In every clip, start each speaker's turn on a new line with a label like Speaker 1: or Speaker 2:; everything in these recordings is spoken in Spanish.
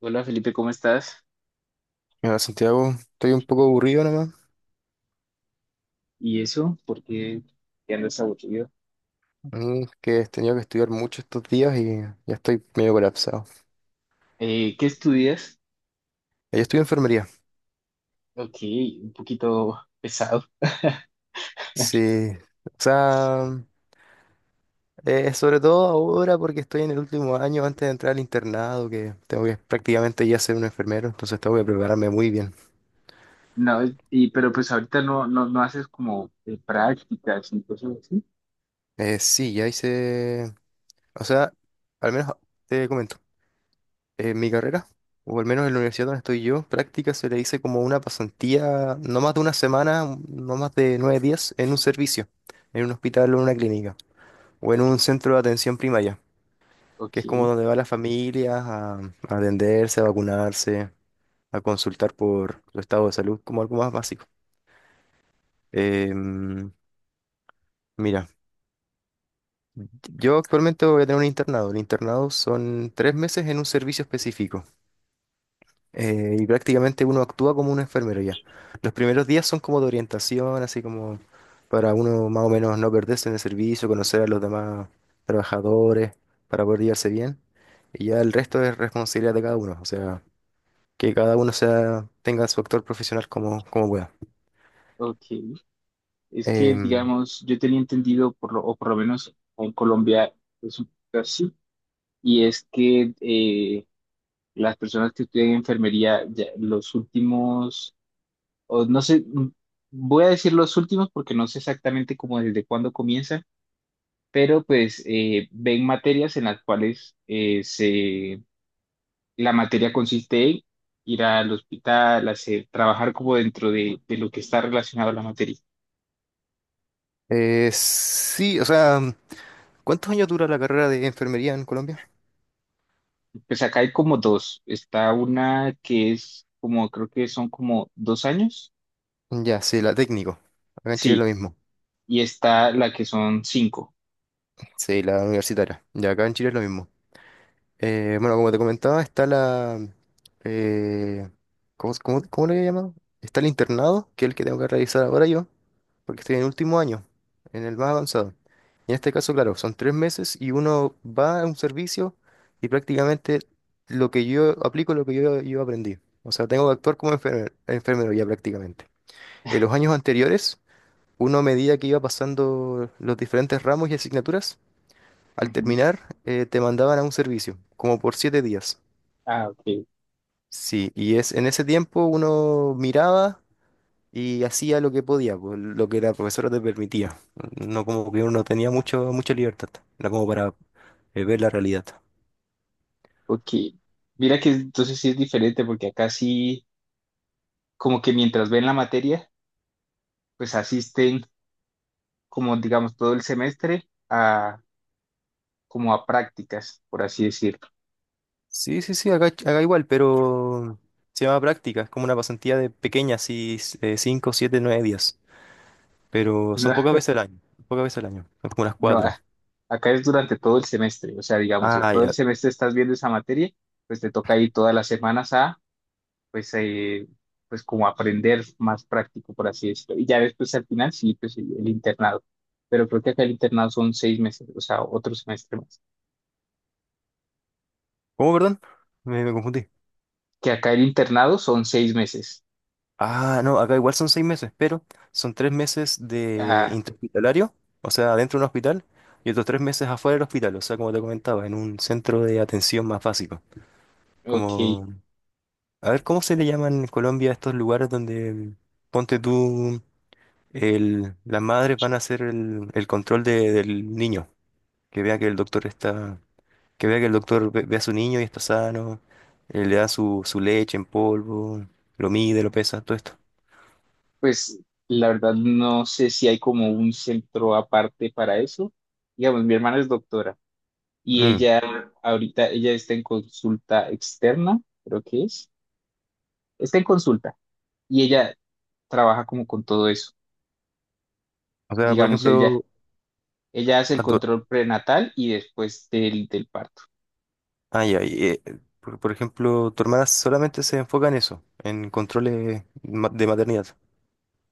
Speaker 1: Hola Felipe, ¿cómo estás?
Speaker 2: Mira, Santiago, estoy un poco aburrido nomás.
Speaker 1: ¿Y eso? ¿Por qué ya andas aburrido?
Speaker 2: A que he tenido que estudiar mucho estos días y ya estoy medio colapsado.
Speaker 1: ¿Qué estudias?
Speaker 2: Yo estudio enfermería.
Speaker 1: Ok, un poquito pesado.
Speaker 2: Sí, o sea, sobre todo ahora porque estoy en el último año antes de entrar al internado, que tengo que prácticamente ya ser un enfermero, entonces tengo que prepararme muy bien.
Speaker 1: No, y, pero pues ahorita no haces como prácticas y cosas así.
Speaker 2: Sí, ya hice, o sea, al menos te comento. En mi carrera, o al menos en la universidad donde estoy yo, práctica se le dice como una pasantía, no más de una semana, no más de nueve días, en un servicio, en un hospital o en una clínica, o en
Speaker 1: Ok,
Speaker 2: un centro de atención primaria, que
Speaker 1: ok,
Speaker 2: es como donde va las familias a atenderse, a vacunarse, a consultar por su estado de salud, como algo más básico. Em, Mira, yo actualmente voy a tener un internado. El internado son tres meses en un servicio específico. Y prácticamente uno actúa como un enfermero ya. Los primeros días son como de orientación, así como para uno más o menos no perderse en el servicio, conocer a los demás trabajadores, para poder llevarse bien. Y ya el resto es responsabilidad de cada uno, o sea, que cada uno sea, tenga su actor profesional como, como pueda.
Speaker 1: ok. Es que,
Speaker 2: Em,
Speaker 1: digamos, yo tenía entendido, por lo, o por lo menos en Colombia es un poco así, y es que las personas que estudian enfermería, ya los últimos o no sé, voy a decir los últimos porque no sé exactamente cómo desde cuándo comienza, pero pues ven materias en las cuales se, la materia consiste en ir al hospital, hacer, trabajar como dentro de lo que está relacionado a la materia.
Speaker 2: sí, o sea, ¿cuántos años dura la carrera de enfermería en Colombia?
Speaker 1: Pues acá hay como dos, está una que es como, creo que son como dos años,
Speaker 2: Ya, sí, la técnico. Acá en Chile es lo
Speaker 1: sí,
Speaker 2: mismo.
Speaker 1: y está la que son cinco.
Speaker 2: Sí, la universitaria. Ya, acá en Chile es lo mismo. Bueno, como te comentaba, está la... eh, ¿cómo le he llamado? Está el internado, que es el que tengo que realizar ahora yo, porque estoy en el último año, en el más avanzado. Y en este caso, claro, son tres meses y uno va a un servicio y prácticamente lo que yo aplico, es lo que yo aprendí. O sea, tengo que actuar como enfermero, ya prácticamente. En los años anteriores, uno a medida que iba pasando los diferentes ramos y asignaturas, al
Speaker 1: Ujú.
Speaker 2: terminar, te mandaban a un servicio, como por siete días.
Speaker 1: Ah,
Speaker 2: Sí, y es en ese tiempo uno miraba y hacía lo que podía, pues, lo que la profesora te permitía. No como que uno tenía mucho, mucha libertad, era como para ver la realidad.
Speaker 1: ok. Mira que entonces sí es diferente porque acá sí como que mientras ven la materia, pues asisten como digamos todo el semestre a como a prácticas, por así decirlo.
Speaker 2: Sí, sí, sí, acá igual, pero se llama práctica, es como una pasantía de pequeña, así 5, 7, 9 días. Pero son
Speaker 1: No,
Speaker 2: pocas veces al año, pocas veces al año, son como unas
Speaker 1: no,
Speaker 2: cuatro.
Speaker 1: a- acá es durante todo el semestre, o sea, digamos, en
Speaker 2: Ah,
Speaker 1: todo el
Speaker 2: ya.
Speaker 1: semestre estás viendo esa materia, pues te toca ir todas las semanas a, pues, pues como aprender más práctico, por así decirlo. Y ya después al final sí, pues el internado. Pero creo que acá el internado son seis meses, o sea, otro semestre más.
Speaker 2: ¿Cómo, perdón? Me confundí.
Speaker 1: Que acá el internado son seis meses.
Speaker 2: Ah, no, acá igual son seis meses, pero son tres meses de
Speaker 1: Ah,
Speaker 2: interhospitalario, o sea, dentro de un hospital, y otros tres meses afuera del hospital, o sea, como te comentaba, en un centro de atención más básico.
Speaker 1: ok.
Speaker 2: Como, a ver, ¿cómo se le llaman en Colombia a estos lugares donde, ponte tú, las madres van a hacer el control del niño, que vea que el doctor está, que vea que el doctor ve a su niño y está sano, le da su leche en polvo, lo mide, lo pesa, todo esto.
Speaker 1: Pues la verdad no sé si hay como un centro aparte para eso. Digamos, mi hermana es doctora y
Speaker 2: Mm.
Speaker 1: ella ahorita, ella está en consulta externa, creo que es. Está en consulta y ella trabaja como con todo eso.
Speaker 2: O sea, por
Speaker 1: Digamos,
Speaker 2: ejemplo,
Speaker 1: ella hace el
Speaker 2: Ah, tu-
Speaker 1: control prenatal y después del, del parto,
Speaker 2: ay, ay, eh, por ejemplo, tu hermana solamente se enfoca en eso, en controles de maternidad,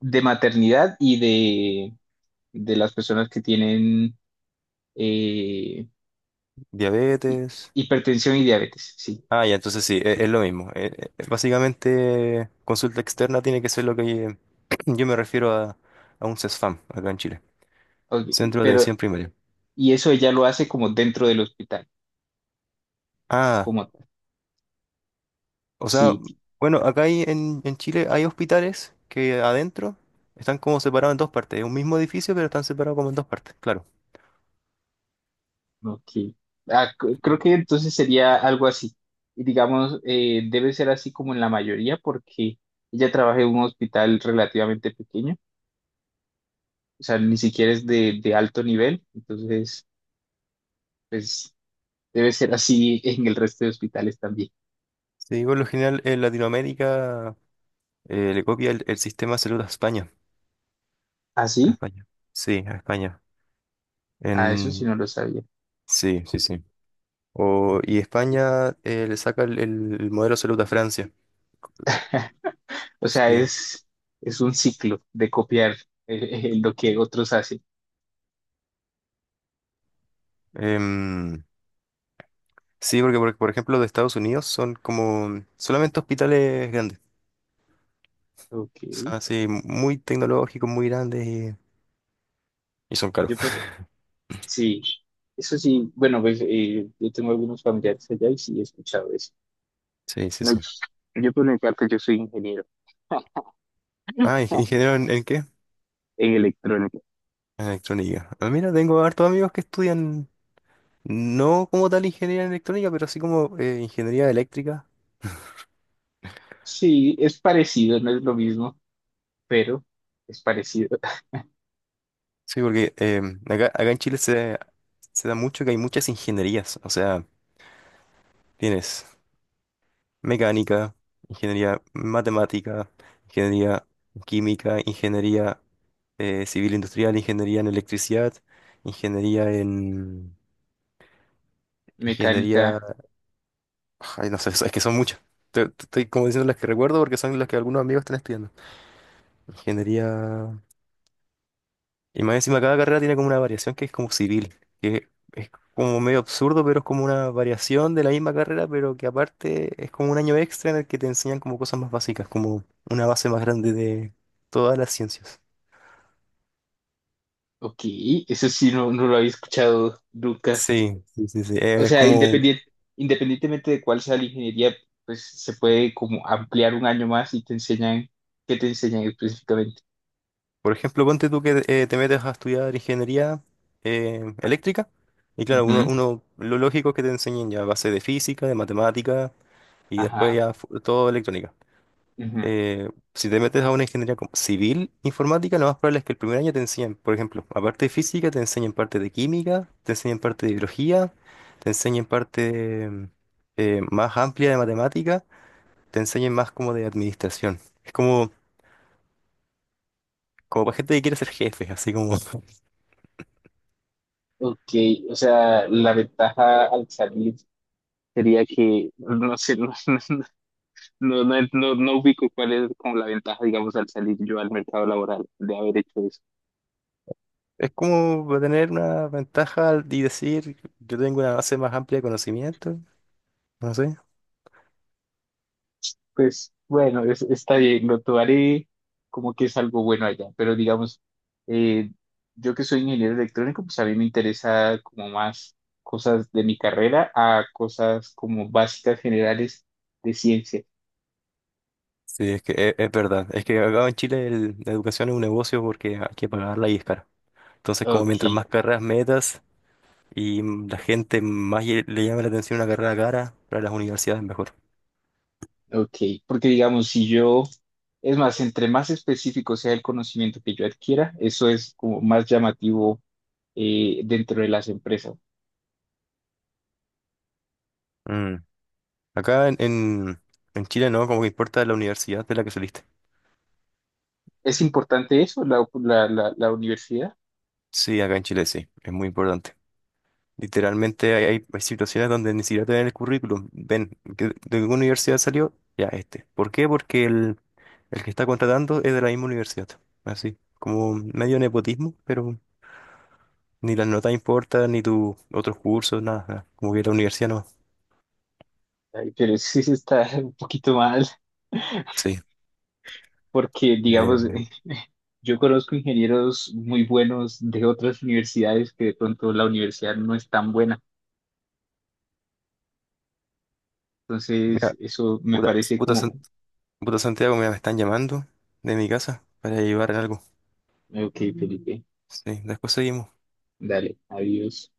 Speaker 1: de maternidad y de las personas que tienen eh, hi-
Speaker 2: diabetes.
Speaker 1: hipertensión y diabetes, sí.
Speaker 2: Ah, ya, entonces sí, es, lo mismo. Básicamente, consulta externa tiene que ser lo que yo me refiero a un CESFAM acá en Chile,
Speaker 1: Ok,
Speaker 2: Centro de
Speaker 1: pero,
Speaker 2: Atención Primaria.
Speaker 1: y eso ella lo hace como dentro del hospital.
Speaker 2: Ah,
Speaker 1: Como tal.
Speaker 2: o sea,
Speaker 1: Sí,
Speaker 2: bueno, acá hay, en Chile hay hospitales que adentro están como separados en dos partes. Es un mismo edificio, pero están separados como en dos partes, claro.
Speaker 1: ok. Ah, creo
Speaker 2: Sí,
Speaker 1: que entonces sería algo así. Y digamos, debe ser así como en la mayoría, porque ella trabaja en un hospital relativamente pequeño, o sea, ni siquiera es de alto nivel, entonces, pues debe ser así en el resto de hospitales también.
Speaker 2: sí, por lo general en Latinoamérica. Le copia el sistema de salud a España.
Speaker 1: ¿Ah,
Speaker 2: A
Speaker 1: sí?
Speaker 2: España. Sí, a España.
Speaker 1: Ah, eso sí
Speaker 2: En...
Speaker 1: no lo sabía.
Speaker 2: Sí, sí, sí. O, y España le saca el modelo de salud a Francia. Eh,
Speaker 1: O sea,
Speaker 2: Sí.
Speaker 1: es un ciclo de copiar lo que otros hacen.
Speaker 2: Em, sí, porque por ejemplo de Estados Unidos son como solamente hospitales grandes.
Speaker 1: Ok.
Speaker 2: O sea, sí, muy tecnológicos, muy grandes y son caros.
Speaker 1: Yo Sí, eso sí, bueno, pues yo tengo algunos familiares allá y sí he escuchado eso.
Speaker 2: Sí, sí,
Speaker 1: No,
Speaker 2: sí.
Speaker 1: yo por mi parte, yo soy ingeniero
Speaker 2: Ah, ingeniero en qué?
Speaker 1: en electrónica.
Speaker 2: En electrónica. Ah, mira, tengo hartos amigos que estudian. No como tal ingeniería en electrónica, pero así como ingeniería eléctrica.
Speaker 1: Sí, es parecido, no es lo mismo, pero es parecido.
Speaker 2: Sí, porque acá en Chile se, se da mucho que hay muchas ingenierías. O sea, tienes mecánica, ingeniería matemática, ingeniería química, ingeniería civil industrial, ingeniería en electricidad, ingeniería en... Ingeniería...
Speaker 1: Mecánica,
Speaker 2: Ay, no sé, es que son muchas. Te estoy como diciendo las que recuerdo porque son las que algunos amigos están estudiando. Ingeniería... Y más encima cada carrera tiene como una variación que es como civil, que es como medio absurdo, pero es como una variación de la misma carrera, pero que aparte es como un año extra en el que te enseñan como cosas más básicas, como una base más grande de todas las ciencias.
Speaker 1: ok, eso sí, no, no lo había escuchado nunca.
Speaker 2: Sí, sí, sí, sí.
Speaker 1: O
Speaker 2: Es
Speaker 1: sea,
Speaker 2: como,
Speaker 1: independiente, independientemente de cuál sea la ingeniería, pues se puede como ampliar un año más y te enseñan, ¿qué te enseñan específicamente?
Speaker 2: por ejemplo, ponte tú que te metes a estudiar ingeniería eléctrica, y claro,
Speaker 1: Ujú,
Speaker 2: lo lógico es que te enseñen ya base de física, de matemática, y después
Speaker 1: ajá,
Speaker 2: ya todo electrónica.
Speaker 1: ujú.
Speaker 2: Si te metes a una ingeniería como civil informática, lo más probable es que el primer año te enseñen, por ejemplo, aparte de física, te enseñen parte de química, te enseñen parte de biología, te enseñen parte más amplia de matemática, te enseñen más como de administración. Es como, como para gente que quiere ser jefe, así como...
Speaker 1: Ok, o sea, la ventaja al salir sería que, no sé, no, no ubico cuál es como la ventaja, digamos, al salir yo al mercado laboral de haber hecho eso.
Speaker 2: Es como para tener una ventaja y decir, yo tengo una base más amplia de conocimiento, no sé.
Speaker 1: Pues bueno, está bien, lo tomaré como que es algo bueno allá, pero digamos, eh, yo que soy ingeniero electrónico, pues a mí me interesa como más cosas de mi carrera a cosas como básicas generales de ciencia.
Speaker 2: Sí, es que es verdad. Es que acá en Chile la educación es un negocio porque hay que pagarla y es cara. Entonces, como mientras
Speaker 1: Ok,
Speaker 2: más carreras metas y la gente más le llame la atención una carrera cara, para las universidades mejor.
Speaker 1: Ok, porque digamos, si yo, es más, entre más específico sea el conocimiento que yo adquiera, eso es como más llamativo dentro de las empresas.
Speaker 2: Mm. Acá en Chile no, como que importa la universidad de la que saliste.
Speaker 1: ¿Es importante eso, la universidad?
Speaker 2: Sí, acá en Chile sí, es muy importante. Literalmente hay, hay situaciones donde ni siquiera te ven el currículum. Ven, ¿de qué universidad salió? Ya, este. ¿Por qué? Porque el que está contratando es de la misma universidad. Así, como medio nepotismo, pero ni las notas importan, ni tus otros cursos, nada, nada. Como que la universidad no.
Speaker 1: Ay, pero sí se está un poquito mal,
Speaker 2: Sí.
Speaker 1: porque
Speaker 2: Bien,
Speaker 1: digamos,
Speaker 2: bien.
Speaker 1: yo conozco ingenieros muy buenos de otras universidades que de pronto la universidad no es tan buena. Entonces,
Speaker 2: Mira,
Speaker 1: eso me
Speaker 2: puta,
Speaker 1: parece
Speaker 2: puta San-
Speaker 1: como,
Speaker 2: puta Santiago, mira, me están llamando de mi casa para llevar algo.
Speaker 1: ok, Felipe,
Speaker 2: Sí, después seguimos.
Speaker 1: dale, adiós.